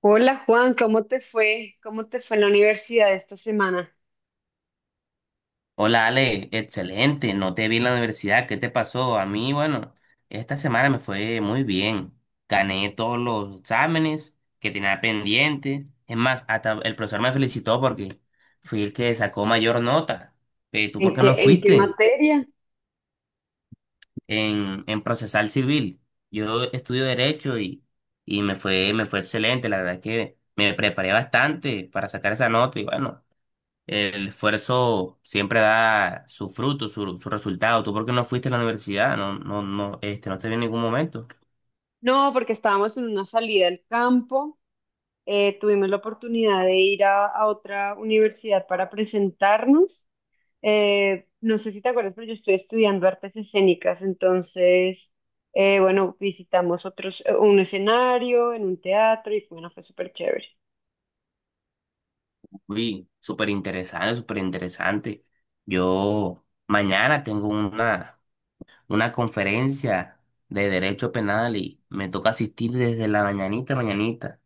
Hola Juan, ¿cómo te fue? ¿Cómo te fue en la universidad esta semana? Hola Ale, excelente, no te vi en la universidad, ¿qué te pasó? A mí, bueno, esta semana me fue muy bien, gané todos los exámenes que tenía pendientes. Es más, hasta el profesor me felicitó porque fui el que sacó mayor nota. ¿Tú por qué no En qué fuiste materia? En procesal civil? Yo estudio derecho y me fue excelente, la verdad es que me preparé bastante para sacar esa nota y bueno. El esfuerzo siempre da su fruto, su resultado. ¿Tú por qué no fuiste a la universidad? No, no, no, no te vi en ningún momento. No, porque estábamos en una salida al campo, tuvimos la oportunidad de ir a otra universidad para presentarnos. No sé si te acuerdas, pero yo estoy estudiando artes escénicas, entonces, bueno, visitamos otros, un escenario en un teatro y bueno, fue súper chévere. Fui súper interesante, súper interesante. Yo mañana tengo una conferencia de derecho penal y me toca asistir desde la mañanita, mañanita.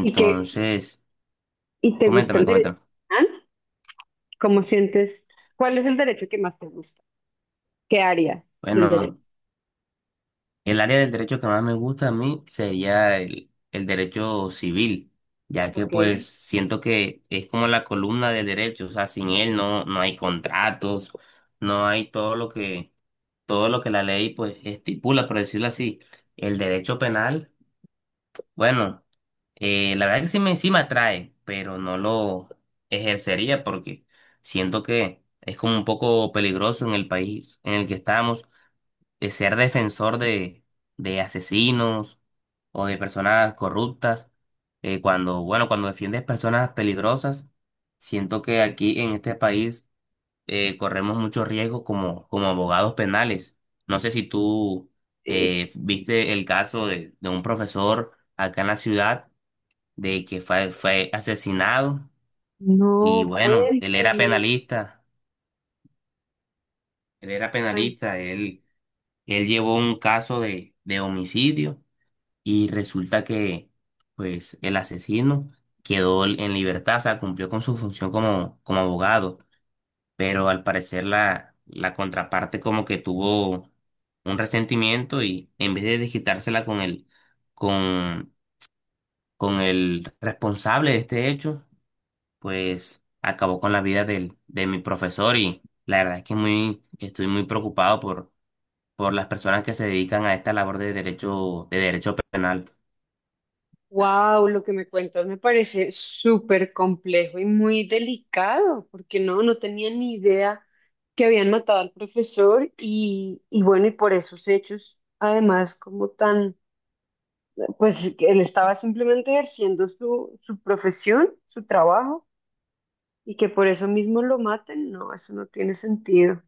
¿Y qué, y te gusta coméntame, el derecho? coméntame. ¿Ah? ¿Cómo sientes? ¿Cuál es el derecho que más te gusta? ¿Qué área del Bueno, derecho? el área del derecho que más me gusta a mí sería el derecho civil, ya que Ok. pues siento que es como la columna del derecho, o sea, sin él no, no hay contratos, no hay todo lo que la ley pues estipula, por decirlo así. El derecho penal, bueno, la verdad que sí me atrae, pero no lo ejercería porque siento que es como un poco peligroso en el país en el que estamos, ser defensor de asesinos o de personas corruptas. Bueno, cuando defiendes personas peligrosas, siento que aquí en este país corremos muchos riesgos como, como abogados penales. No sé si tú eh, viste el caso de un profesor acá en la ciudad de que fue, fue asesinado y No, bueno, él era cuéntame. penalista, él era penalista, él llevó un caso de homicidio. Y resulta que, pues, el asesino quedó en libertad, o sea, cumplió con su función como, como abogado, pero al parecer la contraparte como que tuvo un resentimiento y en vez de desquitársela con, con el responsable de este hecho, pues acabó con la vida del, de mi profesor y la verdad es que muy, estoy muy preocupado por las personas que se dedican a esta labor de derecho penal. Wow, lo que me cuentas me parece súper complejo y muy delicado, porque no, no tenía ni idea que habían matado al profesor y bueno, y por esos hechos, además, como tan, pues que él estaba simplemente ejerciendo su, su profesión, su trabajo, y que por eso mismo lo maten, no, eso no tiene sentido.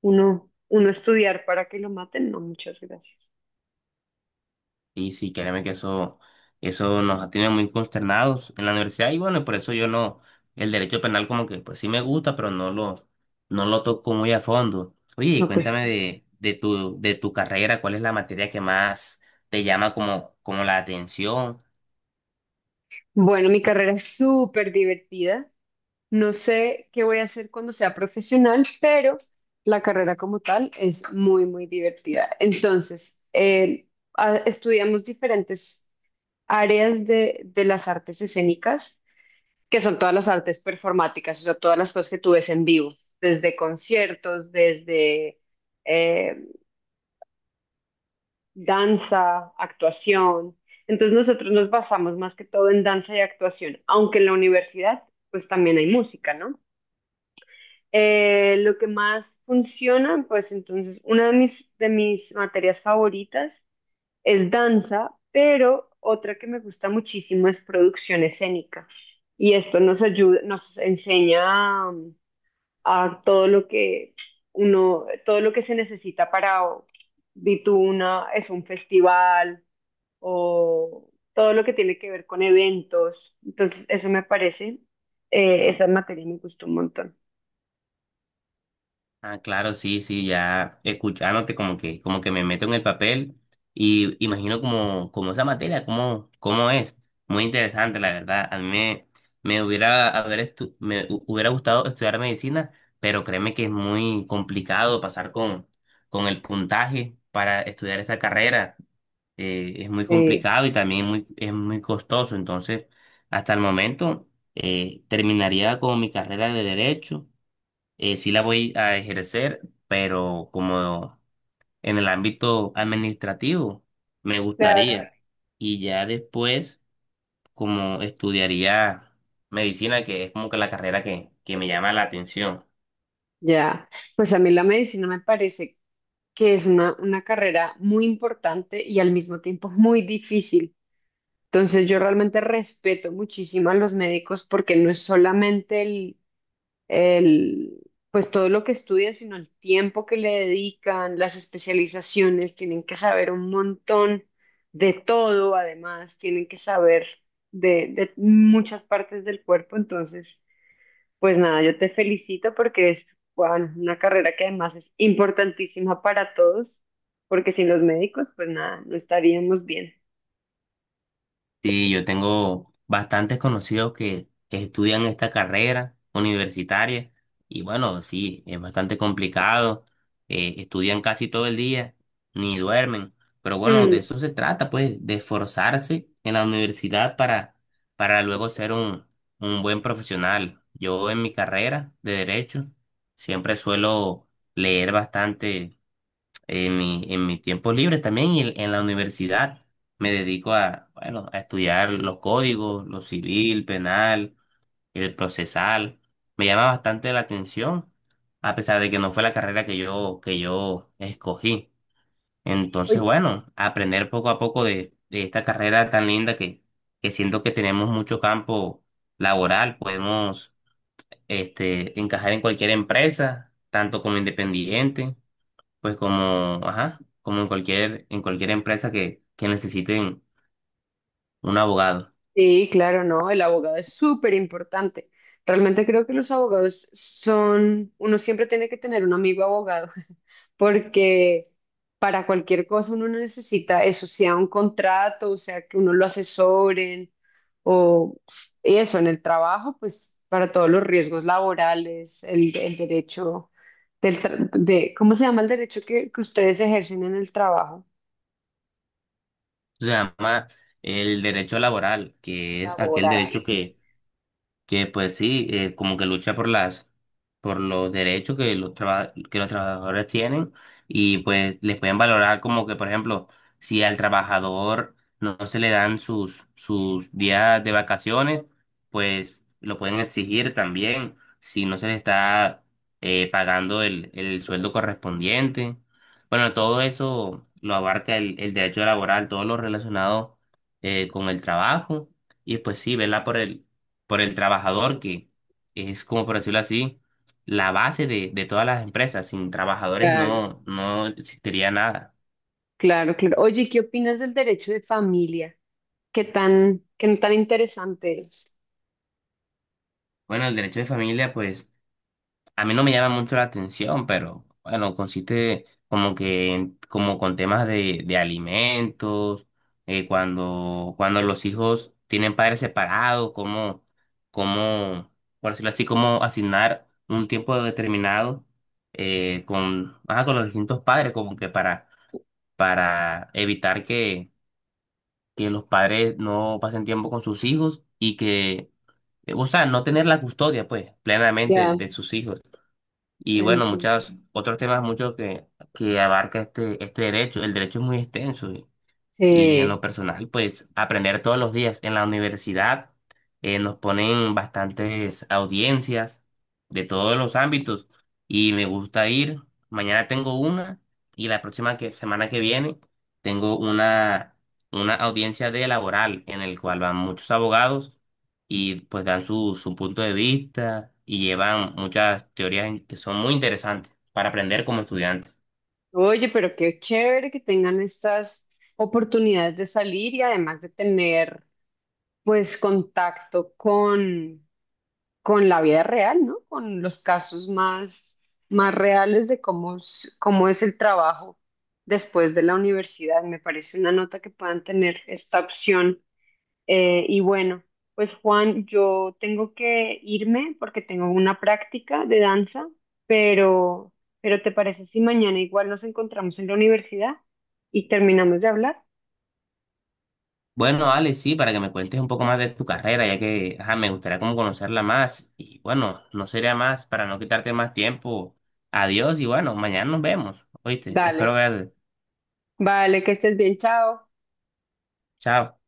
Uno, uno estudiar para que lo maten, no, muchas gracias. Y sí, créeme que eso nos tiene muy consternados en la universidad. Y bueno, y por eso yo no, el derecho penal como que pues sí me gusta, pero no lo, no lo toco muy a fondo. Oye, y No, pues, cuéntame de tu carrera, ¿cuál es la materia que más te llama como, como la atención? bueno, mi carrera es súper divertida. No sé qué voy a hacer cuando sea profesional, pero la carrera como tal es muy, muy divertida. Entonces, estudiamos diferentes áreas de las artes escénicas, que son todas las artes performáticas, o sea, todas las cosas que tú ves en vivo, desde conciertos, desde, eh, danza, actuación. Entonces nosotros nos basamos más que todo en danza y actuación, aunque en la universidad pues también hay música, ¿no? Lo que más funciona, pues entonces una de mis materias favoritas es danza, pero otra que me gusta muchísimo es producción escénica. Y esto nos ayuda, nos enseña a, todo lo que uno, todo lo que se necesita para, di tú una, es un festival o todo lo que tiene que ver con eventos. Entonces, eso me parece, esa materia me gustó un montón. Ah, claro, sí, sí, ya escuchándote como que me meto en el papel y imagino como, como esa materia, cómo, cómo es. Muy interesante, la verdad. A mí me, me hubiera, haber estu- me hu- hubiera gustado estudiar medicina, pero créeme que es muy complicado pasar con el puntaje para estudiar esta carrera. Es muy Eh, complicado y también muy, es muy costoso. Entonces, hasta el momento, terminaría con mi carrera de derecho, sí la voy a ejercer, pero como en el ámbito administrativo, me Claro. gustaría. Y ya después, como estudiaría medicina, que es como que la carrera que me llama la atención. Ya, pues a mí la medicina me parece que es una carrera muy importante y al mismo tiempo muy difícil. Entonces yo realmente respeto muchísimo a los médicos porque no es solamente el, pues todo lo que estudian, sino el tiempo que le dedican, las especializaciones, tienen que saber un montón de todo, además, tienen que saber de muchas partes del cuerpo, entonces, pues nada, yo te felicito porque es, bueno, una carrera que además es importantísima para todos, porque sin los médicos, pues nada, no estaríamos bien. Sí, yo tengo bastantes conocidos que estudian esta carrera universitaria y bueno, sí, es bastante complicado, estudian casi todo el día, ni duermen, pero bueno, de Mm. eso se trata, pues, de esforzarse en la universidad para luego ser un buen profesional. Yo en mi carrera de derecho siempre suelo leer bastante en mi tiempo libre también y en la universidad me dedico a, bueno, a estudiar los códigos, lo civil, penal, el procesal. Me llama bastante la atención, a pesar de que no fue la carrera que yo escogí. Entonces, Oye, bueno, aprender poco a poco de esta carrera tan linda que siento que tenemos mucho campo laboral, podemos este, encajar en cualquier empresa, tanto como independiente pues como, ajá, como en cualquier empresa que necesiten un abogado. sí, claro, no, el abogado es súper importante. Realmente creo que los abogados son, uno siempre tiene que tener un amigo abogado, porque para cualquier cosa uno necesita eso, sea un contrato, o sea que uno lo asesoren, o eso, en el trabajo, pues para todos los riesgos laborales, el derecho del, de, ¿cómo se llama el derecho que ustedes ejercen en el trabajo? Se llama el derecho laboral, que es aquel derecho Laborales. Que pues sí, como que lucha por las, por los derechos que los traba- que los trabajadores tienen y pues les pueden valorar como que, por ejemplo, si al trabajador no, no se le dan sus, sus días de vacaciones, pues lo pueden exigir también si no se le está pagando el sueldo correspondiente. Bueno, todo eso lo abarca el derecho laboral, todo lo relacionado con el trabajo. Y pues sí, ¿verdad? Por el trabajador, que es como por decirlo así, la base de todas las empresas. Sin trabajadores no, no existiría nada. Claro, claro. Oye, ¿qué opinas del derecho de familia? Qué tan interesante es? Bueno, el derecho de familia, pues a mí no me llama mucho la atención, pero bueno, consiste como que en- como con temas de alimentos, cuando, cuando los hijos tienen padres separados, como, como, por decirlo así, como asignar un tiempo determinado con, ajá, con los distintos padres, como que para evitar que los padres no pasen tiempo con sus hijos y que, o sea, no tener la custodia, pues, plenamente Ya, de sus hijos. Y tan- bueno, muchos otros temas, muchos que abarca este, este derecho. El derecho es muy extenso. Y en lo sí. personal, pues aprender todos los días. En la universidad nos ponen bastantes audiencias de todos los ámbitos y me gusta ir. Mañana tengo una y la próxima que- semana que viene tengo una audiencia de laboral en el cual van muchos abogados y pues dan su, su punto de vista y llevan muchas teorías en- que son muy interesantes para aprender como estudiante. Oye, pero qué chévere que tengan estas oportunidades de salir y además de tener, pues, contacto con la vida real, ¿no? Con los casos más, más reales de cómo, cómo es el trabajo después de la universidad. Me parece una nota que puedan tener esta opción. Y bueno, pues Juan, yo tengo que irme porque tengo una práctica de danza, pero, pero ¿te parece si mañana igual nos encontramos en la universidad y terminamos de hablar? Bueno, Ale, sí, para que me cuentes un poco más de tu carrera, ya que ajá, me gustaría como conocerla más. Y bueno, no sería más para no quitarte más tiempo. Adiós y bueno, mañana nos vemos. ¿Oíste? Espero Dale. verte. Vale, que estés bien, chao. Chao.